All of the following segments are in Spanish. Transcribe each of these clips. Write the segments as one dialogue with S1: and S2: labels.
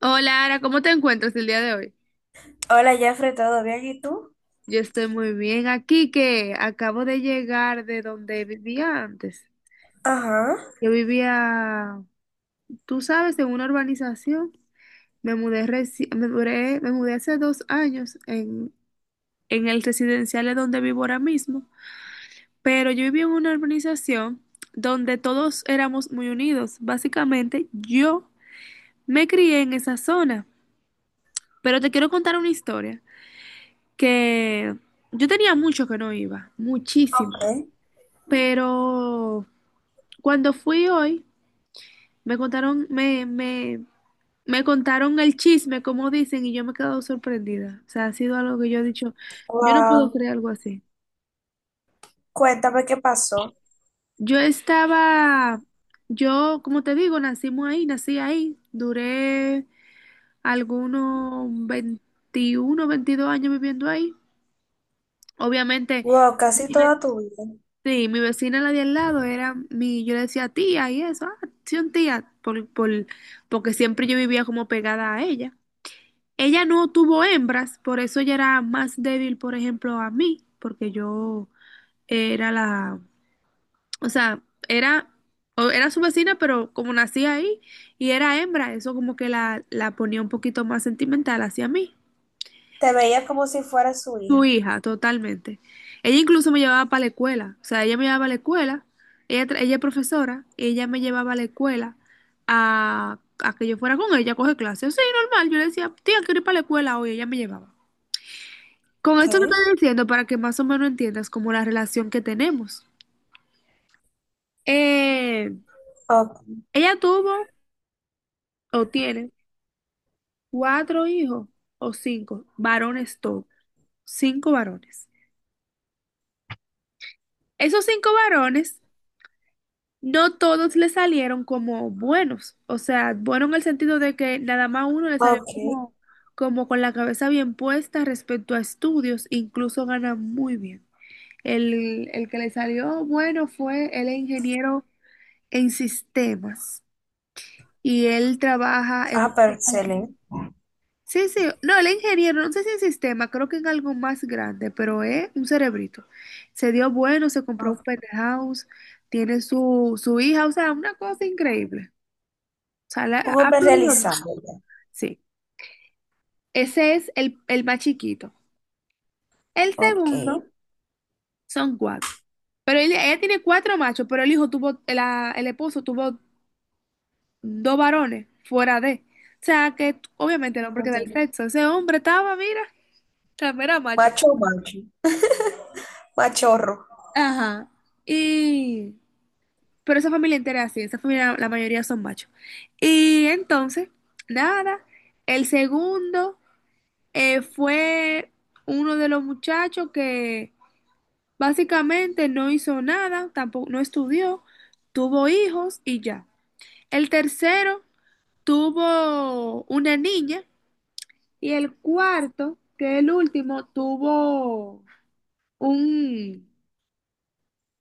S1: Hola, Ara, ¿cómo te encuentras el día de hoy?
S2: Hola, Jeffrey, ¿todo bien? ¿Y tú?
S1: Yo estoy muy bien aquí, que acabo de llegar de donde vivía antes.
S2: Ajá,
S1: Yo vivía, tú sabes, en una urbanización. Me mudé, reci- me mudé hace 2 años en el residencial de donde vivo ahora mismo. Pero yo vivía en una urbanización donde todos éramos muy unidos. Básicamente, yo me crié en esa zona. Pero te quiero contar una historia. Que yo tenía mucho que no iba, muchísimo,
S2: ok.
S1: pero cuando fui hoy, me contaron, me, me, me contaron el chisme, como dicen, y yo me he quedado sorprendida. O sea, ha sido algo que yo he dicho, yo no puedo
S2: Wow,
S1: creer algo así.
S2: cuéntame qué pasó.
S1: Yo estaba, yo, como te digo, nacimos ahí, nací ahí, duré algunos 21 22 años viviendo ahí. Obviamente,
S2: Wow, casi toda tu vida.
S1: sí, mi vecina la de al lado era mi, yo le decía tía y eso, ah, sí, un tía, porque siempre yo vivía como pegada a ella. Ella no tuvo hembras, por eso ella era más débil, por ejemplo, a mí, porque yo era la, o sea, era, era su vecina, pero como nací ahí y era hembra, eso como que la ponía un poquito más sentimental hacia mí.
S2: Te veía como si fuera su
S1: Tu
S2: hija.
S1: hija, totalmente. Ella incluso me llevaba para la escuela. O sea, ella me llevaba a la escuela. Ella es profesora. Ella me llevaba a la escuela a que yo fuera con ella a coger clases. Sí, normal. Yo le decía, tía, quiero ir para la escuela hoy. Ella me llevaba. Con
S2: Ok,
S1: esto te estoy diciendo para que más o menos entiendas como la relación que tenemos. Eh,
S2: o-
S1: ella tuvo o tiene cuatro hijos o cinco varones todos. Cinco varones. Esos cinco varones. No todos le salieron como buenos, o sea, bueno en el sentido de que nada más uno le salió
S2: ok.
S1: como, con la cabeza bien puesta respecto a estudios, incluso gana muy bien. El que le salió bueno fue el ingeniero en sistemas y él trabaja en
S2: Ah,
S1: una
S2: pero
S1: compañía.
S2: excelente.
S1: Sí, sí, no, el ingeniero, no sé si en sistema, creo que en algo más grande, pero es un cerebrito. Se dio bueno, se compró un
S2: Ah,
S1: penthouse, tiene su hija, o sea, una cosa increíble.
S2: un
S1: Ha
S2: hombre
S1: fluido más.
S2: realizado ya.
S1: Sí, ese es el más chiquito. El
S2: Ok.
S1: segundo son cuatro. Ella tiene cuatro machos, pero el hijo tuvo, el esposo tuvo dos varones fuera de. O sea, que obviamente el hombre queda el sexo. Ese hombre estaba, mira, también era macho.
S2: Macho, macho. Machorro.
S1: Ajá. Y... Pero esa familia entera es así, esa familia la mayoría son machos. Y entonces, nada, el segundo fue uno de los muchachos que básicamente no hizo nada, tampoco no estudió, tuvo hijos y ya. El tercero tuvo una niña y el cuarto, que es el último, tuvo un,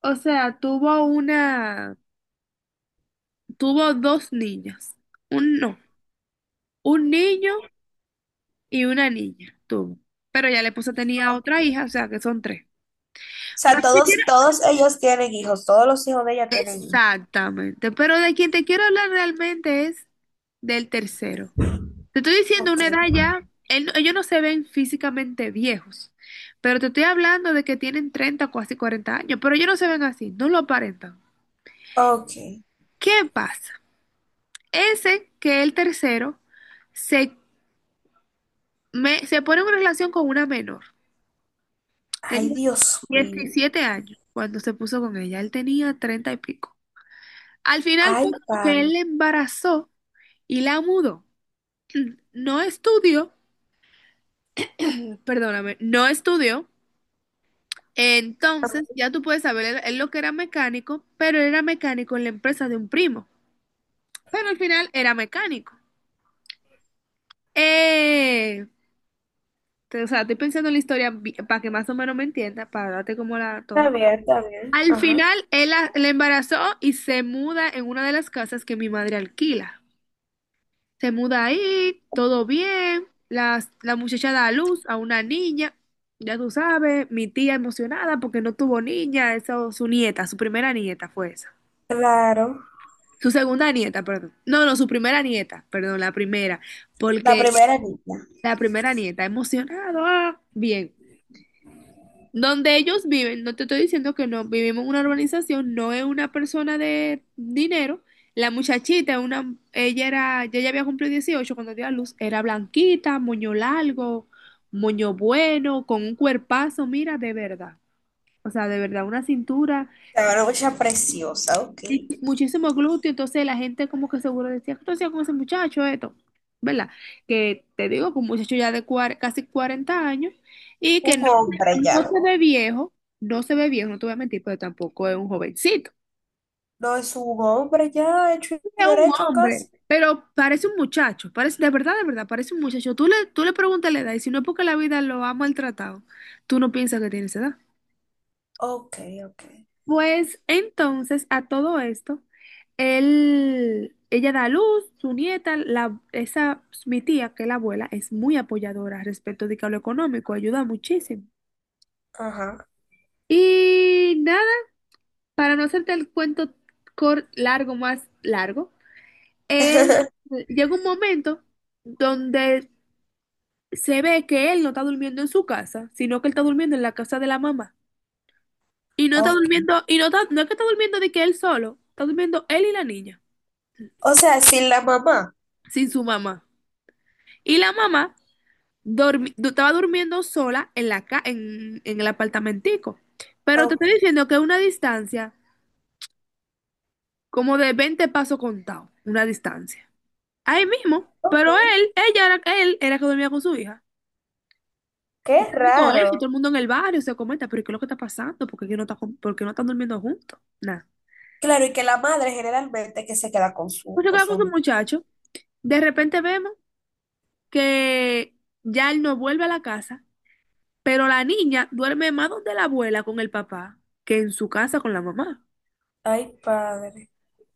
S1: o sea, tuvo una, tuvo dos niñas. Un no, un niño y una niña tuvo. Pero ya la esposa tenía
S2: Ok.
S1: otra
S2: O
S1: hija, o sea que son tres.
S2: sea,
S1: Pero te quiero-
S2: todos, todos ellos tienen hijos. Todos los hijos de ella tienen hijos.
S1: Exactamente, pero de quien te quiero hablar realmente es del tercero. Te estoy diciendo
S2: Ok,
S1: una edad ya, él no- ellos no se ven físicamente viejos, pero te estoy hablando de que tienen 30 o casi 40 años, pero ellos no se ven así, no lo aparentan.
S2: ok.
S1: ¿Qué pasa? Ese que el tercero se, se pone en una relación con una menor.
S2: Ay,
S1: Tenía
S2: Dios mío.
S1: 17 años cuando se puso con ella, él tenía 30 y pico. Al final fue
S2: Ay,
S1: como que él
S2: padre.
S1: la embarazó y la mudó. No estudió, perdóname, no estudió. Entonces, ya tú puedes saber, él lo que era mecánico, pero él era mecánico en la empresa de un primo, pero al final era mecánico. Eh, o sea, estoy pensando en la historia para que más o menos me entienda, para darte como la
S2: Está
S1: todo.
S2: bien, está bien.
S1: Al
S2: Ajá.
S1: final, él la embarazó y se muda en una de las casas que mi madre alquila. Se muda ahí, todo bien, la muchacha da a luz a una niña, ya tú sabes, mi tía emocionada porque no tuvo niña, eso, su nieta, su primera nieta fue esa.
S2: Claro.
S1: Su segunda nieta, perdón. No, no, su primera nieta, perdón, la primera,
S2: La
S1: porque
S2: primera línea.
S1: la primera nieta, emocionado, ah, bien. Donde ellos viven, no te estoy diciendo que no, vivimos en una urbanización, no es una persona de dinero. La muchachita, una, ella era, ya había cumplido 18 cuando dio a luz, era blanquita, moño largo, moño bueno, con un cuerpazo, mira, de verdad. O sea, de verdad, una cintura
S2: Te va mucha preciosa, ok.
S1: y muchísimo glúteo, entonces la gente como que seguro decía, ¿qué tú hacías con ese muchacho esto? ¿Verdad? Que te digo que un muchacho ya de casi 40 años y que no,
S2: Un hombre ya.
S1: no se ve viejo, no se ve viejo, no te voy a mentir, pero tampoco es un jovencito,
S2: No es un hombre ya, hecho y
S1: es un
S2: derecho casi.
S1: hombre, pero parece un muchacho, parece, de verdad, parece un muchacho. Tú le preguntas la edad y si no es porque la vida lo ha maltratado, tú no piensas que tiene esa edad.
S2: Ok, ok.
S1: Pues entonces a todo esto, él, ella da a luz, su nieta, la, esa, mi tía, que es la abuela, es muy apoyadora respecto de que a lo económico, ayuda muchísimo.
S2: Ajá.
S1: Y nada, para no hacerte el cuento largo más largo, él llega un momento donde se ve que él no está durmiendo en su casa, sino que él está durmiendo en la casa de la mamá. Y no está
S2: Ok.
S1: durmiendo, y no, no es que está durmiendo de que él solo, está durmiendo él y la niña,
S2: O sea, sin la mamá.
S1: sin su mamá. Y la mamá estaba durmiendo sola en la ca- en el apartamentico. Pero te
S2: Ok,
S1: estoy diciendo que una distancia como de 20 pasos contados, una distancia. Ahí mismo. Pero
S2: ok.
S1: él, ella era, él era que dormía con su hija. Se
S2: Qué
S1: está viendo eso, todo
S2: raro.
S1: el mundo en el barrio se comenta, pero ¿qué es lo que está pasando? ¿Por qué no por qué no están durmiendo juntos? Nada.
S2: Claro, y que la madre generalmente que se queda
S1: Pues yo
S2: con
S1: quedaba con
S2: su
S1: su
S2: niño.
S1: muchacho. De repente vemos que ya él no vuelve a la casa. Pero la niña duerme más donde la abuela con el papá que en su casa con la mamá.
S2: Ay, padre.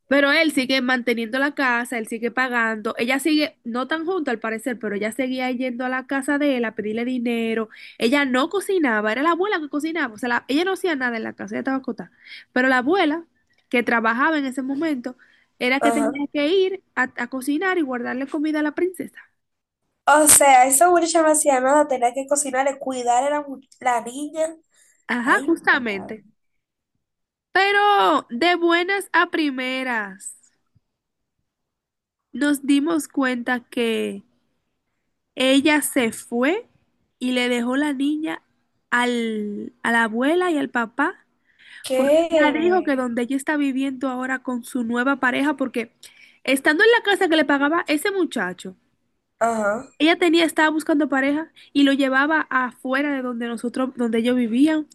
S1: Pero él sigue manteniendo la casa, él sigue pagando. Ella sigue, no tan junto al parecer, pero ella seguía yendo a la casa de él a pedirle dinero. Ella no cocinaba, era la abuela que cocinaba. O sea, ella no hacía nada en la casa, ella estaba acotada. Pero la abuela, que trabajaba en ese momento, era que
S2: Ajá.
S1: tenía que ir a cocinar y guardarle comida a la princesa.
S2: O sea, esa muchacha no hacía nada, tenía que cocinar cuidar a la, la niña.
S1: Ajá,
S2: Ay, padre.
S1: justamente. Pero de buenas a primeras, nos dimos cuenta que ella se fue y le dejó la niña al, a la abuela y al papá, porque ella dijo que
S2: ¿Qué?
S1: donde ella está viviendo ahora con su nueva pareja, porque estando en la casa que le pagaba ese muchacho,
S2: Ajá.
S1: ella tenía, estaba buscando pareja y lo llevaba afuera de donde nosotros, donde ellos vivían.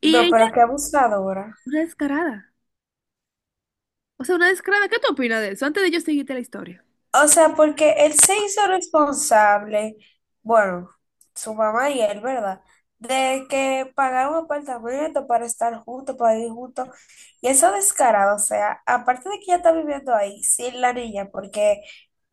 S1: Y
S2: No,
S1: ella,
S2: pero qué abusadora.
S1: una descarada. O sea, una descarada. ¿Qué tú opinas de eso? Antes de yo seguirte la historia.
S2: O sea, porque él se hizo responsable, bueno, su mamá y él, ¿verdad? De que pagaron un apartamento para estar juntos, para ir juntos. Y eso descarado, o sea, aparte de que ella está viviendo ahí sin la niña, porque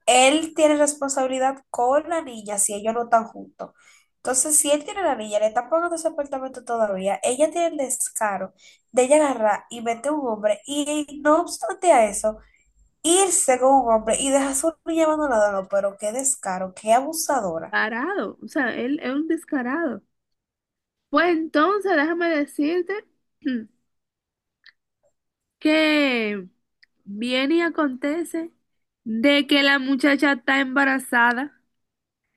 S2: él tiene responsabilidad con la niña si ellos no están juntos. Entonces, si él tiene a la niña, le está pagando ese apartamento todavía, ella tiene el descaro de ella agarrar y meter un hombre y no obstante a eso, irse con un hombre y dejar a su niña abandonada. No, pero qué descaro, qué abusadora.
S1: Descarado. O sea, él es un descarado. Pues entonces déjame decirte que viene y acontece de que la muchacha está embarazada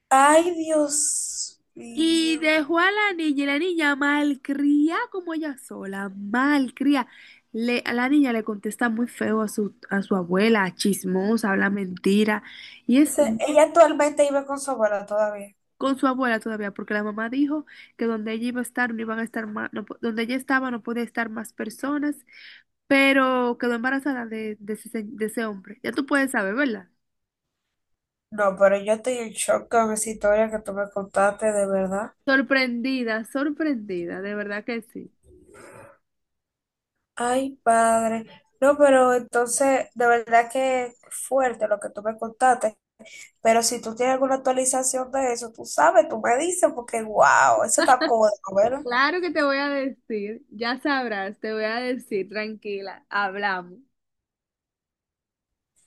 S2: Ay, Dios
S1: y
S2: mío.
S1: dejó a la niña y la niña malcría como ella sola, malcría. A la niña le contesta muy feo a su abuela, chismosa, habla mentira y
S2: O
S1: es
S2: sea, ella actualmente vive con su abuela todavía.
S1: con su abuela todavía, porque la mamá dijo que donde ella iba a estar no iban a estar más, donde ella estaba no podía estar más personas, pero quedó embarazada de ese, de ese hombre. Ya tú puedes saber, ¿verdad?
S2: No, pero yo estoy en shock con esa historia que tú me contaste, de verdad.
S1: Sorprendida, sorprendida, de verdad que sí.
S2: Ay, padre. No, pero entonces, de verdad que fuerte lo que tú me contaste. Pero si tú tienes alguna actualización de eso, tú sabes, tú me dices, porque wow, eso está cómodo,
S1: Claro que te voy a decir, ya sabrás, te voy a decir, tranquila, hablamos.